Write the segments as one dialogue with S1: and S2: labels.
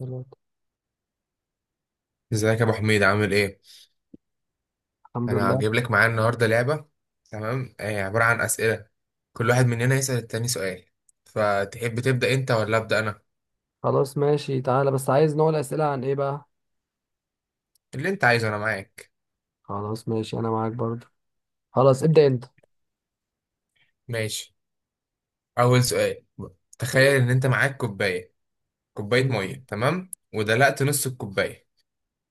S1: دلوقتي.
S2: ازيك يا ابو حميد، عامل ايه؟
S1: الحمد
S2: انا
S1: لله.
S2: هجيب لك معايا النهارده لعبه. تمام. عباره عن اسئله. كل واحد مننا يسال التاني سؤال. فتحب تبدا انت ولا ابدا انا؟
S1: خلاص ماشي، تعالى بس عايز نوع الأسئلة عن إيه بقى.
S2: اللي انت عايزه، انا معاك.
S1: خلاص ماشي أنا معاك برضه. خلاص ابدأ أنت.
S2: ماشي. اول سؤال:
S1: تمام.
S2: تخيل ان انت معاك كوبايه، كوبايه ميه،
S1: مم.
S2: تمام، ودلقت نص الكوبايه.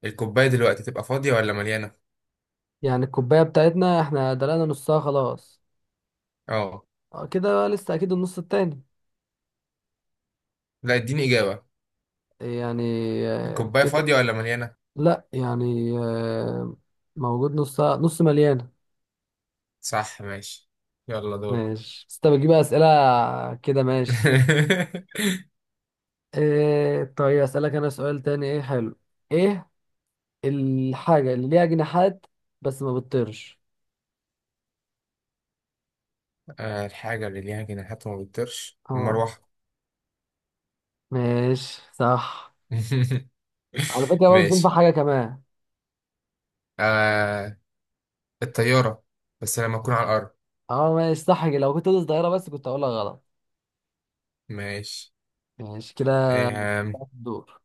S2: الكوبايه دلوقتي تبقى فاضيه ولا مليانه؟
S1: يعني الكوباية بتاعتنا إحنا دلقنا نصها خلاص.
S2: اه.
S1: كده بقى لسه أكيد النص التاني.
S2: لا، اديني اجابه.
S1: يعني
S2: الكوبايه
S1: كده.
S2: فاضيه ولا مليانه؟
S1: لأ يعني موجود نصها، نص مليانة.
S2: صح، ماشي. يلا دور.
S1: ماشي بس أنت بتجيب أسئلة كده. ماشي، إيه؟ طيب أسألك أنا سؤال تاني. إيه حلو؟ إيه الحاجة اللي ليها جناحات بس ما بتطيرش؟
S2: الحاجه اللي ليها جناحات وما بتطيرش
S1: اه
S2: المروحه.
S1: ماشي صح. على فكرة برضه تنفع
S2: ماشي.
S1: حاجة كمان.
S2: آه الطيارة، بس لما أكون على الأرض.
S1: اه ماشي صح كده. لو كنت قلت الظاهرة بس كنت هقولها غلط.
S2: ماشي.
S1: ماشي كده
S2: آه
S1: الدور.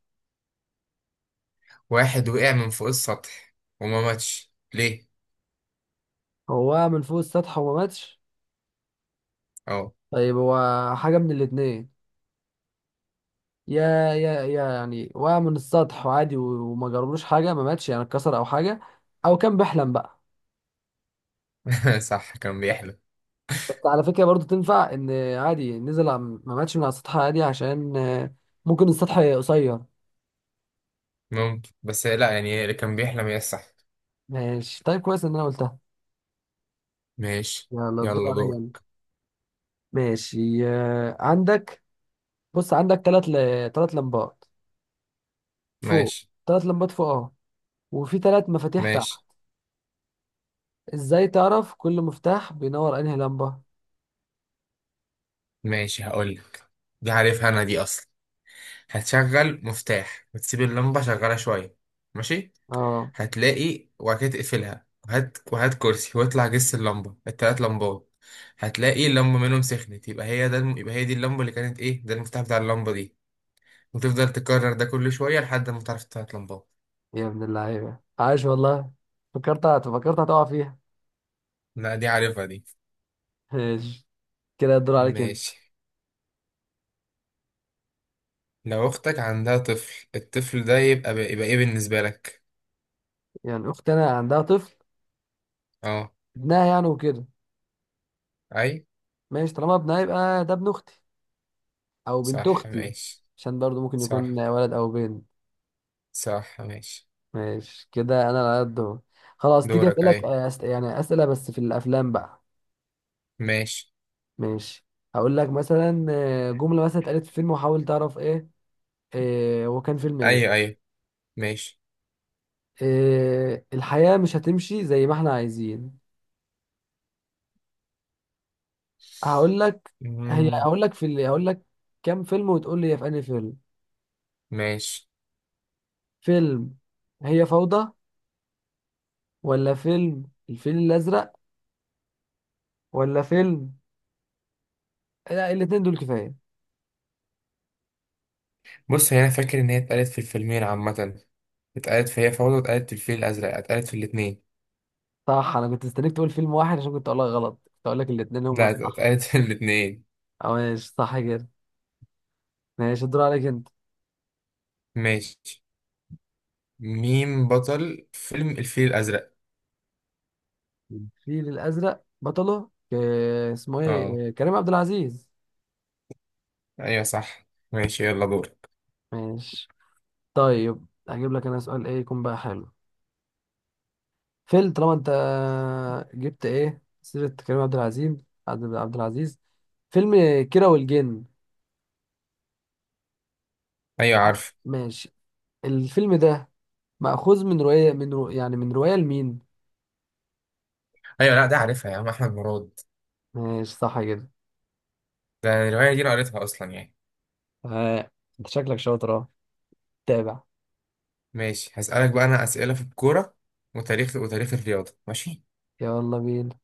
S2: واحد وقع من فوق السطح وما ماتش، ليه؟
S1: هو وقع من فوق السطح وما ماتش؟
S2: اه.
S1: طيب هو حاجة من الاتنين، يا يا يعني وقع من السطح وعادي وما جربلوش حاجة، ما ماتش يعني اتكسر أو حاجة، أو كان بيحلم بقى.
S2: صح، كان بيحلم.
S1: بس على فكرة برضه تنفع إن عادي، نزل ما ماتش من على السطح عادي، عشان ممكن السطح قصير.
S2: ممكن، بس لا، يعني اللي كان بيحلم هي الصح.
S1: ماشي طيب كويس إن أنا قلتها.
S2: ماشي،
S1: يلا الدور
S2: يلا
S1: عليا أنا.
S2: دورك.
S1: ماشي، آه، عندك بص عندك ثلاث ل... ثلاث لمبات فوق
S2: ماشي
S1: ثلاث لمبات فوق اهو، وفي ثلاث مفاتيح تحت.
S2: ماشي
S1: ازاي تعرف كل مفتاح بينور انهي لمبة؟
S2: ماشي. هقولك، دي عارفها أنا دي أصلا. هتشغل مفتاح وتسيب اللمبة شغالة شوية. ماشي.
S1: اه،
S2: هتلاقي، وبعد كده تقفلها وهات وهات كرسي واطلع جس اللمبة، التلات لمبات. هتلاقي اللمبة منهم سخنت، يبقى هي ده الم... يبقى هي دي اللمبة اللي كانت ايه، ده المفتاح بتاع اللمبة دي. وتفضل تكرر ده كل شوية لحد ما تعرف التلات لمبات.
S1: يا ابن اللعيبة، عاش والله. فكرت هتقع فيها.
S2: لا، دي عارفها دي.
S1: ماشي كده الدور عليك انت.
S2: ماشي. لو اختك عندها طفل، الطفل ده يبقى يبقى ايه بالنسبة لك؟
S1: يعني اختي انا عندها طفل؟
S2: اه.
S1: ابنها يعني وكده.
S2: اي،
S1: ماشي طالما ابنها يبقى ده ابن اختي او بنت
S2: صح
S1: اختي،
S2: ماشي.
S1: عشان برضو ممكن يكون
S2: صح
S1: ولد او بنت.
S2: صح ماشي.
S1: ماشي كده انا على قد اهو. خلاص تيجي
S2: دورك، اي.
S1: اسالك، يعني اسئله بس في الافلام بقى.
S2: ماشي.
S1: ماشي هقول لك مثلا، جمله مثلا اتقالت في فيلم وحاول تعرف ايه، هو كان فيلم
S2: ايوه
S1: ايه.
S2: ايوه، ماشي.
S1: الحياه مش هتمشي زي ما احنا عايزين. هقول لك
S2: مم،
S1: هقول لك كام فيلم وتقول لي هي في انهي فيلم.
S2: ماشي.
S1: فيلم هي فوضى، ولا فيلم الفيل الازرق؟ ولا فيلم، لا الاتنين دول كفايه.
S2: بص، هي انا فاكر ان هي اتقالت في الفيلمين عامه. اتقالت في هي فوضى، اتقالت في الفيل الازرق، اتقالت في الاتنين.
S1: صح، انا كنت مستنيك تقول فيلم واحد عشان كنت اقول لك غلط، كنت اقول لك الاتنين هما
S2: لا،
S1: الصح.
S2: اتقالت في الاتنين.
S1: اه ماشي صح كده. ماشي الدور عليك انت.
S2: ماشي. مين بطل فيلم الفيل الازرق؟
S1: الفيل الازرق بطله اسمه
S2: اه،
S1: ايه، كريم عبد العزيز.
S2: ايوه صح. ماشي، يلا دور.
S1: ماشي. طيب هجيب لك انا سؤال ايه يكون بقى حلو. فيل طالما انت جبت ايه سيرة كريم عبد العزيز، عبد العزيز، فيلم كيرة والجن.
S2: ايوه
S1: عارف؟
S2: عارف.
S1: ماشي. الفيلم ده مأخوذ من رواية، يعني من رواية لمين.
S2: ايوه، لا ده عارفها يا عم، احمد مراد.
S1: ماشي صح كده.
S2: ده الروايه دي انا قريتها اصلا يعني.
S1: آه. انت شكلك شاطر، اه، تابع.
S2: ماشي، هسألك بقى انا اسئله في الكوره وتاريخ الرياضه. ماشي.
S1: يلا بينا.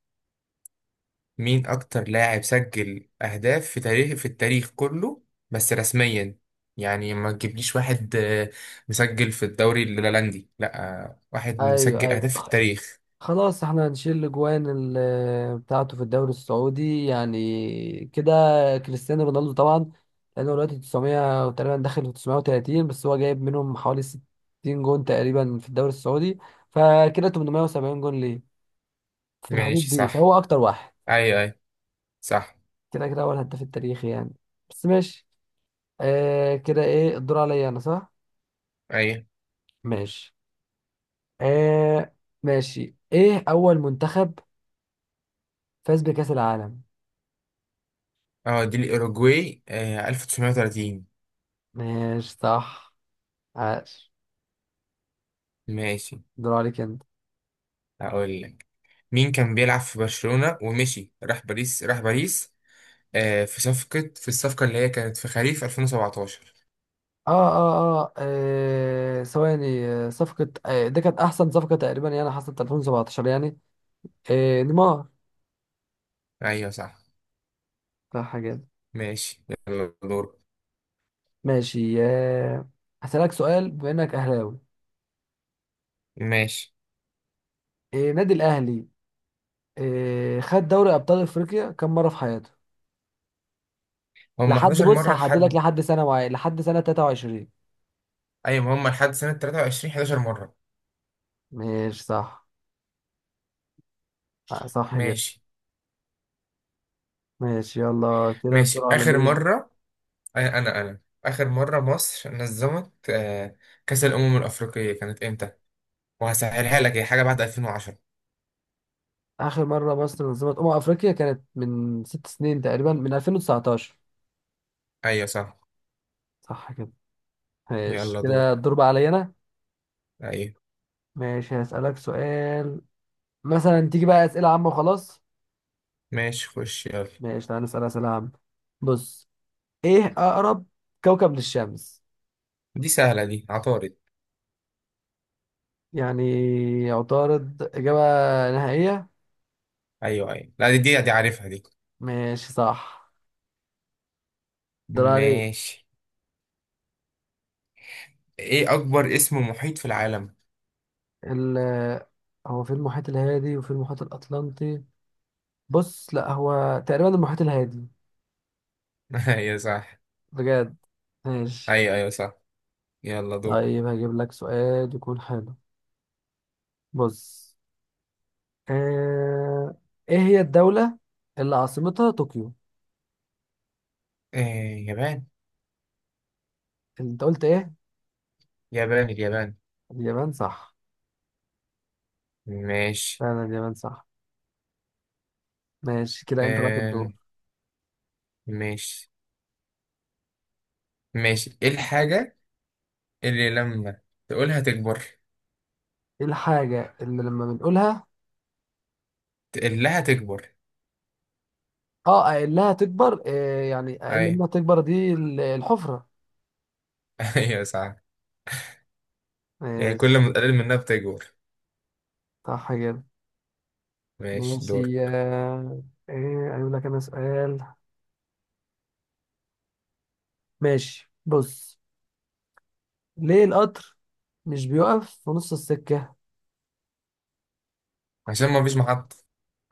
S2: مين أكتر لاعب سجل أهداف في تاريخ في التاريخ كله؟ بس رسميا. يعني ما تجيبليش واحد مسجل في الدوري الهولندي، لا، واحد
S1: ايوه
S2: مسجل
S1: ايوه،
S2: أهداف في التاريخ.
S1: خلاص احنا هنشيل الاجوان بتاعته في الدوري السعودي يعني، كده كريستيانو رونالدو طبعا، لانه دلوقتي 900 تقريبا، داخل في 930، بس هو جايب منهم حوالي 60 جون تقريبا في الدوري السعودي، فكده 870 جون ليه في الحدود
S2: ماشي
S1: دي،
S2: صح.
S1: فهو اكتر واحد.
S2: أي أي صح
S1: كده اول هداف التاريخي يعني، بس ماشي. كده ايه الدور عليا انا، صح؟
S2: أي.
S1: ماشي آه ماشي. ايه اول منتخب فاز بكأس العالم؟
S2: اه، دي الأوروجواي 1930.
S1: ماشي صح. عاش.
S2: ماشي.
S1: دور عليك انت.
S2: هقول لك، مين كان بيلعب في برشلونة ومشي راح باريس في صفقة في الصفقة اللي هي كانت في خريف 2017؟
S1: اه اه ثواني، صفقة، دي كانت أحسن صفقة تقريبا يعني، حصلت 2017 يعني. نيمار.
S2: أيوه صح.
S1: لا حاجة دي.
S2: ماشي، يلا دور.
S1: ماشي، هسألك سؤال. بما إنك أهلاوي،
S2: ماشي.
S1: نادي الأهلي، خد دوري أبطال أفريقيا كم مرة في حياته؟
S2: هم
S1: لحد
S2: 11
S1: بص
S2: مرة،
S1: هحددلك
S2: لحد.
S1: لحد سنة معينة، لحد سنة 23.
S2: أيوة، ما هم لحد سنة 23 11 مرة.
S1: ماشي صح. صح كده.
S2: ماشي
S1: ماشي يلا كده الدور
S2: ماشي.
S1: على
S2: آخر
S1: مين؟
S2: مرة، أنا آخر مرة مصر نظمت كأس الأمم الأفريقية كانت إمتى؟ وهسهلها لك، هي حاجة بعد 2010.
S1: آخر مرة مصر نظمت أمم أفريقيا كانت من ست سنين تقريبا، من 2019.
S2: أيوة صح.
S1: صح كده. ماشي
S2: يلا دور.
S1: كده الدور بقى عليا انا.
S2: أيوة
S1: ماشي هسألك سؤال، مثلا تيجي بقى أسئلة عامة وخلاص.
S2: ماشي، خش يلا.
S1: ماشي تعالى نسأل أسئلة عامة. بص، إيه أقرب كوكب للشمس؟
S2: دي سهلة، دي عطارد.
S1: يعني عطارد إجابة نهائية؟
S2: أيوة أيوة، لا دي دي عارفها دي.
S1: ماشي صح. دور عليه.
S2: ماشي. إيه أكبر اسم محيط في العالم؟
S1: ال هو في المحيط الهادي وفي المحيط الأطلنطي. بص لا هو تقريبا المحيط الهادي.
S2: أيوة صح.
S1: بجد؟ ماشي.
S2: أيوة أيوة صح. يلا دور.
S1: طيب هجيب لك سؤال يكون حلو. بص، آه... ايه هي الدولة اللي عاصمتها طوكيو؟
S2: آه، يابان
S1: انت قلت ايه؟
S2: يابان، اليابان.
S1: اليابان صح.
S2: ماشي.
S1: فعلا اليابان صح. ماشي كده انت لك
S2: آم،
S1: الدور.
S2: ماشي. ماشي، ايه الحاجة اللي لما تقولها تكبر؟
S1: ايه الحاجة اللي لما بنقولها
S2: تقول لها تكبر.
S1: اه اقلها تكبر؟ يعني اقل
S2: اي.
S1: منها تكبر، دي الحفرة.
S2: ايوه صح. يعني كل
S1: ماشي
S2: ما تقلل منها بتكبر.
S1: صح كده.
S2: ماشي، دور.
S1: ماشي ايه اقول لك انا سؤال. ماشي بص، ليه القطر مش بيقف في نص السكة؟
S2: عشان ما فيش محطة.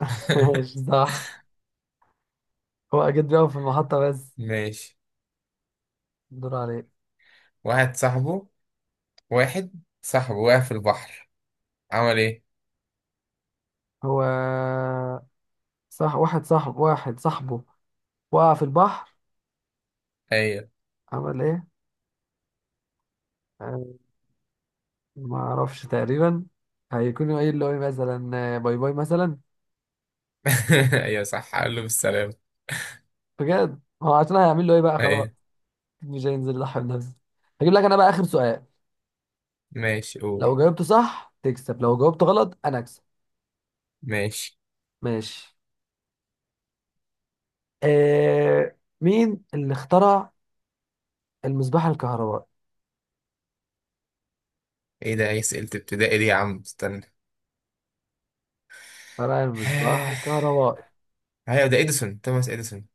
S1: ماشي صح. هو اكيد بيقف في المحطة بس.
S2: ماشي.
S1: دور عليك.
S2: واحد صاحبه واحد صاحبه واقع في البحر، عمل ايه؟
S1: هو صح، واحد صاحبه وقع في البحر
S2: ايوه.
S1: عمل ايه؟ آه، ما اعرفش تقريبا، هيكون قايل له ايه مثلا، باي باي مثلا.
S2: ايوه صح، قال له بالسلامة.
S1: بجد هو عشان هيعمل له ايه بقى خلاص،
S2: ايوه.
S1: مش هينزل يضحي بنفسه. هجيب لك انا بقى اخر سؤال،
S2: ماشي، قول.
S1: لو جاوبته صح تكسب، لو جاوبته غلط انا اكسب.
S2: ماشي.
S1: ماشي. مين اللي اخترع المصباح الكهربائي؟
S2: ايه ده، ايه؟ سئلت ابتدائي دي يا عم، استنى.
S1: اخترع المصباح الكهربائي.
S2: ايوه، ده اديسون، توماس اديسون.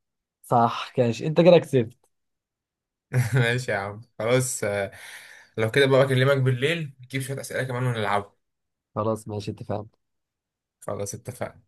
S1: صح كاش. انت كده كسبت.
S2: ماشي يا عم، خلاص. لو كده بقى اكلمك بالليل نجيب شوية أسئلة كمان ونلعبها.
S1: خلاص ماشي اتفقنا.
S2: خلاص، اتفقنا.